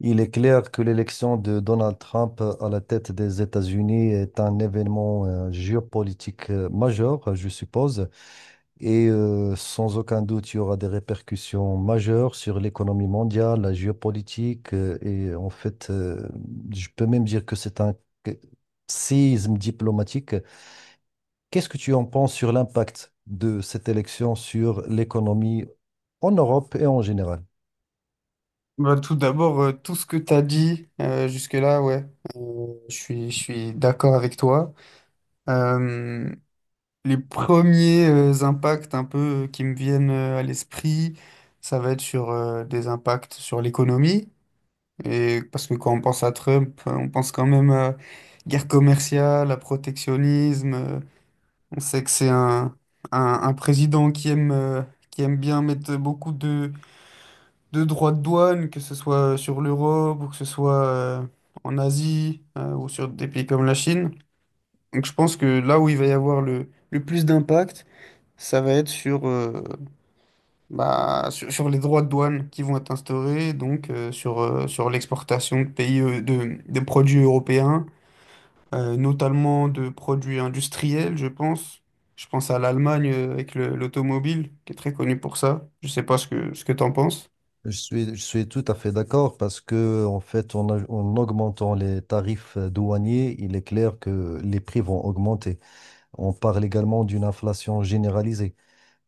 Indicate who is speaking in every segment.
Speaker 1: Il est clair que l'élection de Donald Trump à la tête des États-Unis est un événement géopolitique majeur, je suppose, et sans aucun doute, il y aura des répercussions majeures sur l'économie mondiale, la géopolitique, et en fait, je peux même dire que c'est que- séisme diplomatique. Qu'est-ce que tu en penses sur l'impact de cette élection sur l'économie en Europe et en général?
Speaker 2: Tout d'abord, tout ce que tu as dit jusque-là, ouais, je suis d'accord avec toi. Euh, les premiers impacts un peu qui me viennent à l'esprit, ça va être sur des impacts sur l'économie. Et parce que quand on pense à Trump, on pense quand même à guerre commerciale, à protectionnisme. On sait que c'est un président qui aime bien mettre beaucoup de droits de douane, que ce soit sur l'Europe ou que ce soit en Asie ou sur des pays comme la Chine. Donc je pense que là où il va y avoir le plus d'impact, ça va être sur, bah, sur les droits de douane qui vont être instaurés, donc sur, sur l'exportation de pays de produits européens, notamment de produits industriels, je pense. Je pense à l'Allemagne avec l'automobile, qui est très connue pour ça. Je sais pas ce que tu en penses.
Speaker 1: Je suis tout à fait d'accord parce que, en fait, en augmentant les tarifs douaniers, il est clair que les prix vont augmenter. On parle également d'une inflation généralisée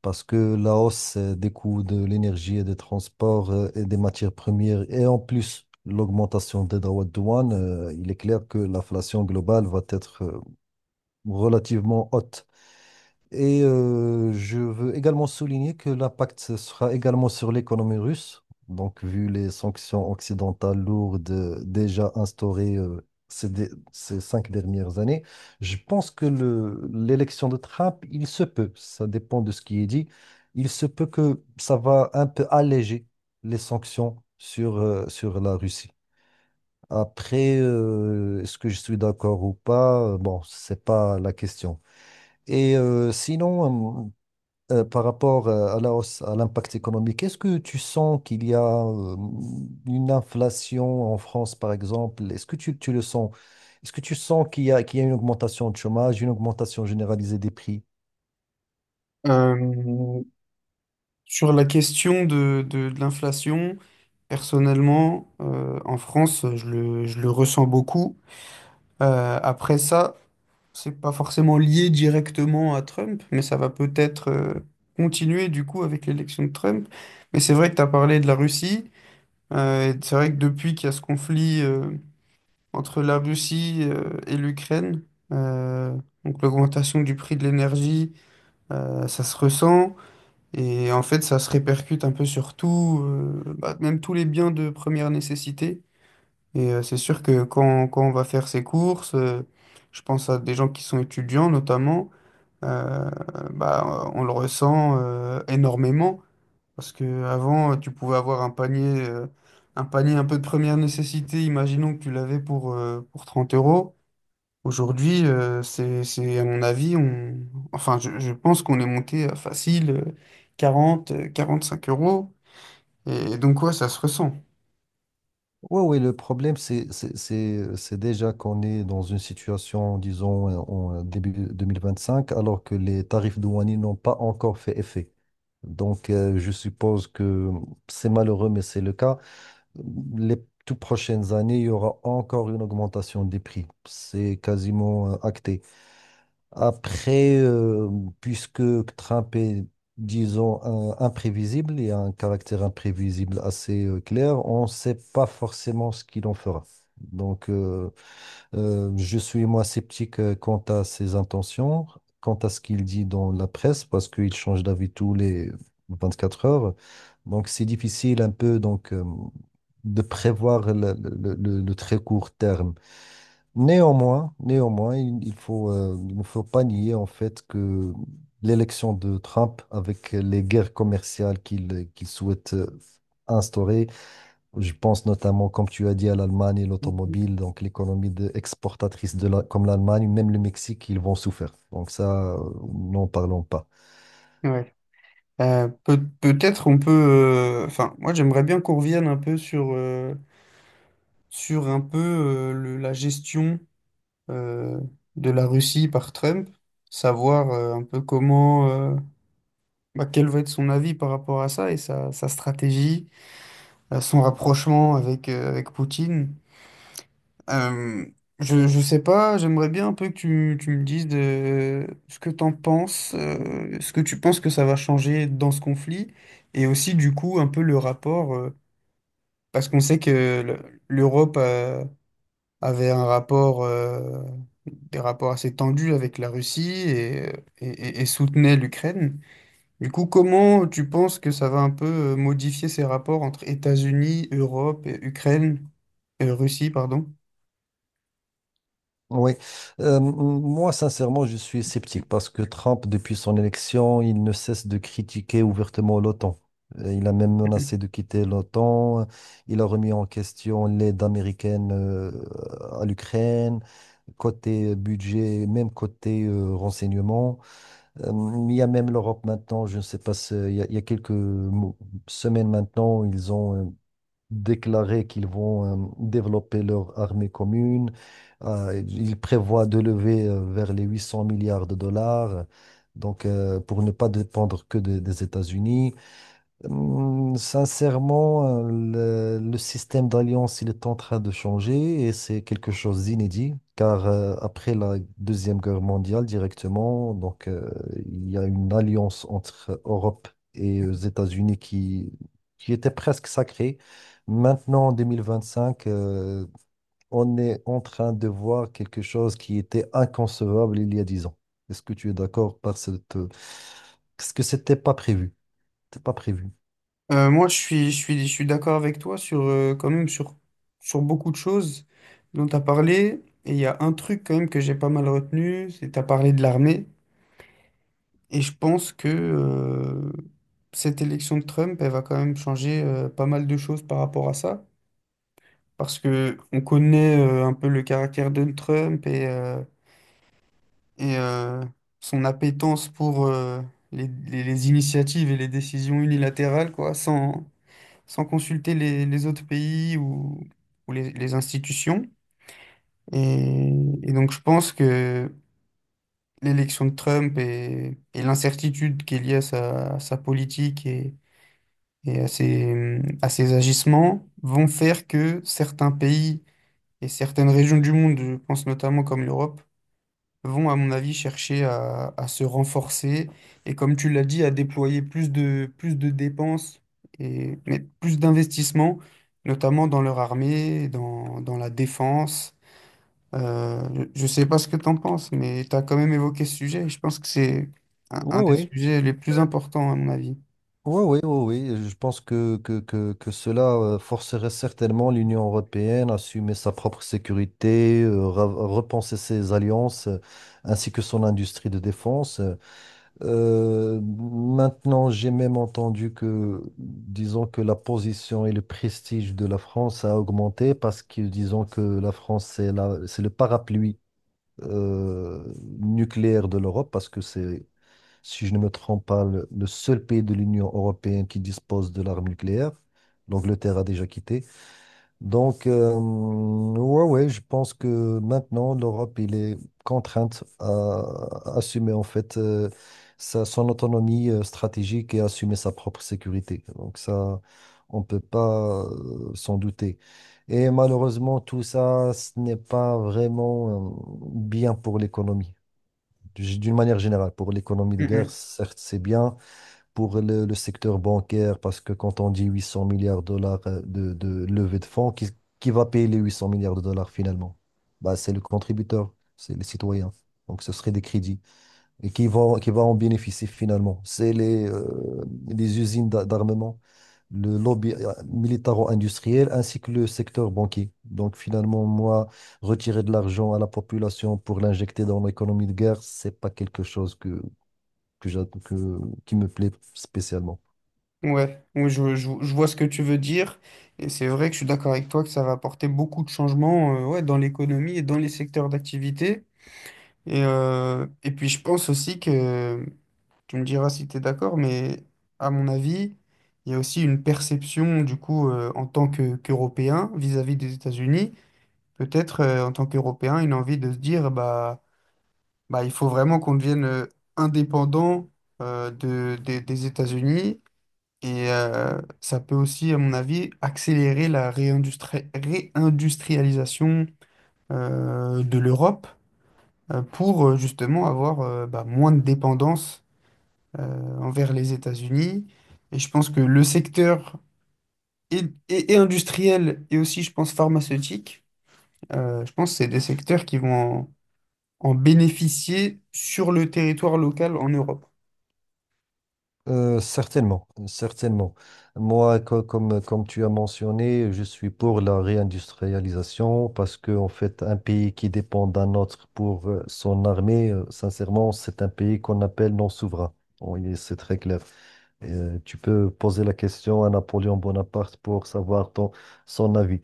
Speaker 1: parce que la hausse des coûts de l'énergie et des transports et des matières premières et en plus l'augmentation des droits de douane, il est clair que l'inflation globale va être relativement haute. Et je veux également souligner que l'impact sera également sur l'économie russe. Donc, vu les sanctions occidentales lourdes déjà instaurées ces 5 dernières années, je pense que l'élection de Trump, il se peut, ça dépend de ce qui est dit, il se peut que ça va un peu alléger les sanctions sur, sur la Russie. Après, est-ce que je suis d'accord ou pas? Bon, c'est pas la question. Et sinon, par rapport à la hausse, à l'impact économique, est-ce que tu sens qu'il y a une inflation en France, par exemple? Est-ce que tu le sens? Est-ce que tu sens qu'il y a une augmentation de chômage, une augmentation généralisée des prix?
Speaker 2: Euh, Sur la question de l'inflation, personnellement, en France, je le ressens beaucoup. Après ça, c'est pas forcément lié directement à Trump, mais ça va peut-être continuer du coup avec l'élection de Trump. Mais c'est vrai que tu as parlé de la Russie. Et c'est vrai que depuis qu'il y a ce conflit entre la Russie et l'Ukraine, euh, donc l'augmentation du prix de l'énergie, ça se ressent. Et en fait, ça se répercute un peu sur tout, bah, même tous les biens de première nécessité. Et c'est sûr que quand on va faire ses courses, je pense à des gens qui sont étudiants notamment, euh, bah, on le ressent énormément. Parce que avant, tu pouvais avoir un panier, un panier un peu de première nécessité, imaginons que tu l'avais pour 30 euros. Aujourd'hui, c'est, à mon avis, on... enfin, je pense qu'on est monté à facile 40 45 euros. Et donc, ouais, ça se ressent.
Speaker 1: Oui, oui, le problème, c'est déjà qu'on est dans une situation, disons, en début 2025, alors que les tarifs douaniers n'ont pas encore fait effet. Donc, je suppose que c'est malheureux, mais c'est le cas. Les toutes prochaines années, il y aura encore une augmentation des prix. C'est quasiment acté. Après, puisque Trump est, disons, imprévisible, et a un caractère imprévisible assez clair, on ne sait pas forcément ce qu'il en fera. Donc, je suis moi sceptique quant à ses intentions, quant à ce qu'il dit dans la presse, parce qu'il change d'avis tous les 24 heures. Donc, c'est difficile un peu donc, de prévoir le très court terme. Néanmoins, néanmoins, il faut, il ne faut pas nier en fait que l'élection de Trump avec les guerres commerciales qu'il souhaite instaurer, je pense notamment, comme tu as dit, à l'Allemagne et
Speaker 2: Mhm.
Speaker 1: l'automobile, donc l'économie exportatrice comme l'Allemagne, même le Mexique, ils vont souffrir. Donc ça, n'en parlons pas.
Speaker 2: Ouais. Peut-être on peut. Enfin, moi, j'aimerais bien qu'on revienne un peu sur, sur un peu la gestion euh, de la Russie par Trump, savoir un peu comment. Bah, quel va être son avis par rapport à ça et sa stratégie, son rapprochement avec, avec Poutine. Euh, je sais pas, j'aimerais bien un peu que tu me dises de ce que t'en penses, ce que tu penses que ça va changer dans ce conflit, et aussi du coup un peu le rapport, parce qu'on sait que l'Europe avait un rapport, des rapports assez tendus avec la Russie et, et soutenait l'Ukraine. Du coup, comment tu penses que ça va un peu modifier ces rapports entre États-Unis, Europe et Ukraine, Russie, pardon?
Speaker 1: Oui, moi sincèrement je suis sceptique parce que Trump, depuis son élection, il ne cesse de critiquer ouvertement l'OTAN. Il a même menacé de quitter l'OTAN, il a remis en question l'aide américaine à l'Ukraine, côté budget, même côté renseignement. Euh, il y a même l'Europe maintenant, je ne sais pas, il y a quelques semaines maintenant, ils ont déclaré qu'ils vont développer leur armée commune. Ils prévoient de lever vers les 800 milliards de dollars, donc pour ne pas dépendre que des États-Unis. Sincèrement, le système d'alliance, il est en train de changer et c'est quelque chose d'inédit, car après la Deuxième Guerre mondiale directement, donc il y a une alliance entre Europe et les États-Unis qui était presque sacrée. Maintenant, en 2025, on est en train de voir quelque chose qui était inconcevable il y a 10 ans. Est-ce que tu es d'accord par cette... Parce que c'était pas prévu. C'était pas prévu.
Speaker 2: Moi, je suis d'accord avec toi sur, quand même sur, sur beaucoup de choses dont tu as parlé. Et il y a un truc quand même que j'ai pas mal retenu, c'est que tu as parlé de l'armée. Et je pense que cette élection de Trump, elle va quand même changer pas mal de choses par rapport à ça. Parce que on connaît un peu le caractère de Trump et son appétence pour les initiatives et les décisions unilatérales, quoi, sans, sans consulter les autres pays ou les institutions. Et, et donc, je pense que l'élection de Trump et l'incertitude qui est liée à sa politique et à ses agissements vont faire que certains pays et certaines régions du monde, je pense notamment comme l'Europe, vont, à mon avis, chercher à se renforcer et, comme tu l'as dit, à déployer plus plus de dépenses et mais plus d'investissements, notamment dans leur armée, dans, dans la défense. Je ne sais pas ce que tu en penses, mais tu as quand même évoqué ce sujet et je pense que c'est un,
Speaker 1: Oui,
Speaker 2: un des
Speaker 1: oui,
Speaker 2: sujets les plus importants, à mon avis.
Speaker 1: oui, oui, oui. oui. Je pense que cela forcerait certainement l'Union européenne à assumer sa propre sécurité, repenser ses alliances, ainsi que son industrie de défense. Maintenant, j'ai même entendu que, disons que la position et le prestige de la France a augmenté parce que, disons que la France, c'est c'est le parapluie euh, nucléaire de l'Europe parce que c'est si je ne me trompe pas, le seul pays de l'Union européenne qui dispose de l'arme nucléaire. L'Angleterre a déjà quitté. Donc, ouais, ouais, je pense que maintenant, l'Europe, il est contrainte à assumer en fait son autonomie stratégique et assumer sa propre sécurité. Donc ça, on ne peut pas s'en douter. Et malheureusement, tout ça, ce n'est pas vraiment bien pour l'économie. D'une manière générale, pour l'économie de
Speaker 2: Mm,
Speaker 1: guerre,
Speaker 2: mm.
Speaker 1: certes, c'est bien. Pour le secteur bancaire, parce que quand on dit 800 milliards de dollars de levée de fonds, qui va payer les 800 milliards de dollars finalement? Bah, c'est le contributeur, c'est les citoyens. Donc, ce serait des crédits. Et qui va en bénéficier finalement? C'est les usines d'armement, le lobby militaro-industriel ainsi que le secteur banquier. Donc finalement, moi, retirer de l'argent à la population pour l'injecter dans l'économie de guerre, c'est pas quelque chose que, j'a- que- qui me plaît spécialement.
Speaker 2: Ouais. Oui, je vois ce que tu veux dire et c'est vrai que je suis d'accord avec toi que ça va apporter beaucoup de changements ouais, dans l'économie et dans les secteurs d'activité. Et puis je pense aussi que, tu me diras si tu es d'accord, mais à mon avis, il y a aussi une perception du coup en tant que, qu'Européen vis-à-vis des États-Unis, peut-être en tant qu'Européen, une envie de se dire bah, bah il faut vraiment qu'on devienne indépendant de, des États-Unis et ça peut aussi, à mon avis, accélérer la réindustrialisation de l'Europe pour justement avoir bah, moins de dépendance envers les États-Unis. Et je pense que le secteur et, et industriel et aussi, je pense, pharmaceutique, je pense que c'est des secteurs qui vont en bénéficier sur le territoire local en Europe.
Speaker 1: Certainement, certainement. Moi, comme tu as mentionné, je suis pour la réindustrialisation parce que, en fait, un pays qui dépend d'un autre pour son armée, sincèrement, c'est un pays qu'on appelle non souverain. Bon, c'est très clair. Et, tu peux poser la question à Napoléon Bonaparte pour savoir son avis.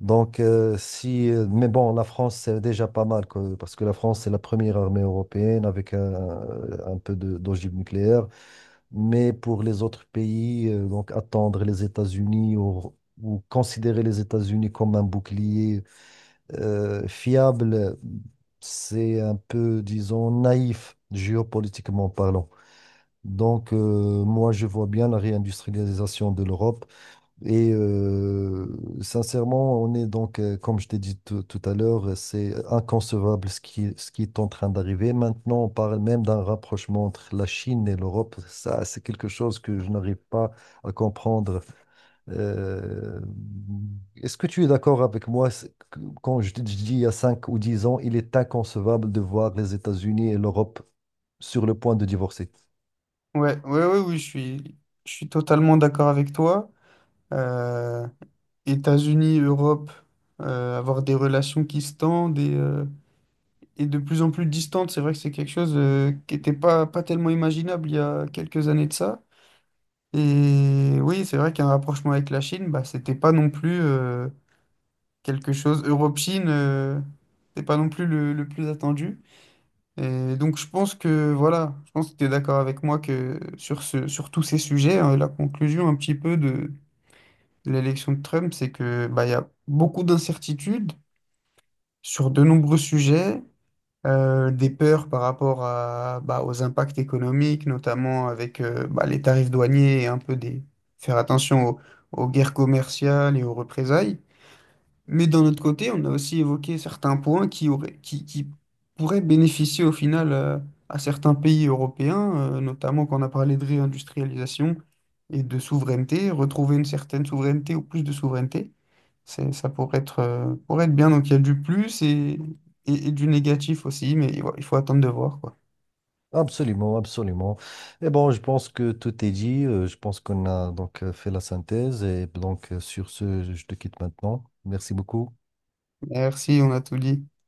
Speaker 1: Donc, si, mais bon, la France, c'est déjà pas mal, quoi, parce que la France, c'est la première armée européenne avec un peu d'ogive nucléaire. Mais pour les autres pays, donc attendre les États-Unis ou considérer les États-Unis comme un bouclier fiable, c'est un peu, disons, naïf géopolitiquement parlant. Donc, moi, je vois bien la réindustrialisation de l'Europe. Et sincèrement, on est donc, comme je t'ai dit tout à l'heure, c'est inconcevable ce qui est en train d'arriver. Maintenant, on parle même d'un rapprochement entre la Chine et l'Europe. Ça, c'est quelque chose que je n'arrive pas à comprendre. Euh, est-ce que tu es d'accord avec moi quand je te dis il y a 5 ou 10 ans, il est inconcevable de voir les États-Unis et l'Europe sur le point de divorcer?
Speaker 2: Ouais, ouais, ouais, oui, je suis totalement d'accord avec toi. Euh, États-Unis, Europe, avoir des relations qui se tendent et de plus en plus distante. C'est vrai que c'est quelque chose qui n'était pas tellement imaginable il y a quelques années de ça. Et oui, c'est vrai qu'un rapprochement avec la Chine, bah, c'était pas non plus quelque chose. Europe-Chine, c'était pas non plus le plus attendu. Et donc je pense que voilà, je pense que tu es d'accord avec moi que sur ce, sur tous ces sujets, hein, la conclusion un petit peu de l'élection de Trump, c'est que bah, il y a beaucoup d'incertitudes sur de nombreux sujets. Des peurs par rapport à, bah, aux impacts économiques, notamment avec bah, les tarifs douaniers et un peu des... faire attention aux, aux guerres commerciales et aux représailles. Mais d'un autre côté, on a aussi évoqué certains points qui auraient, qui pourraient bénéficier au final à certains pays européens, notamment quand on a parlé de réindustrialisation et de souveraineté, retrouver une certaine souveraineté ou plus de souveraineté, c'est, ça pourrait être bien. Donc il y a du plus et du négatif aussi, mais il faut attendre de voir, quoi.
Speaker 1: Absolument, absolument. Et bon, je pense que tout est dit. Je pense qu'on a donc fait la synthèse. Et donc, sur ce, je te quitte maintenant. Merci beaucoup.
Speaker 2: Merci, on a tout dit.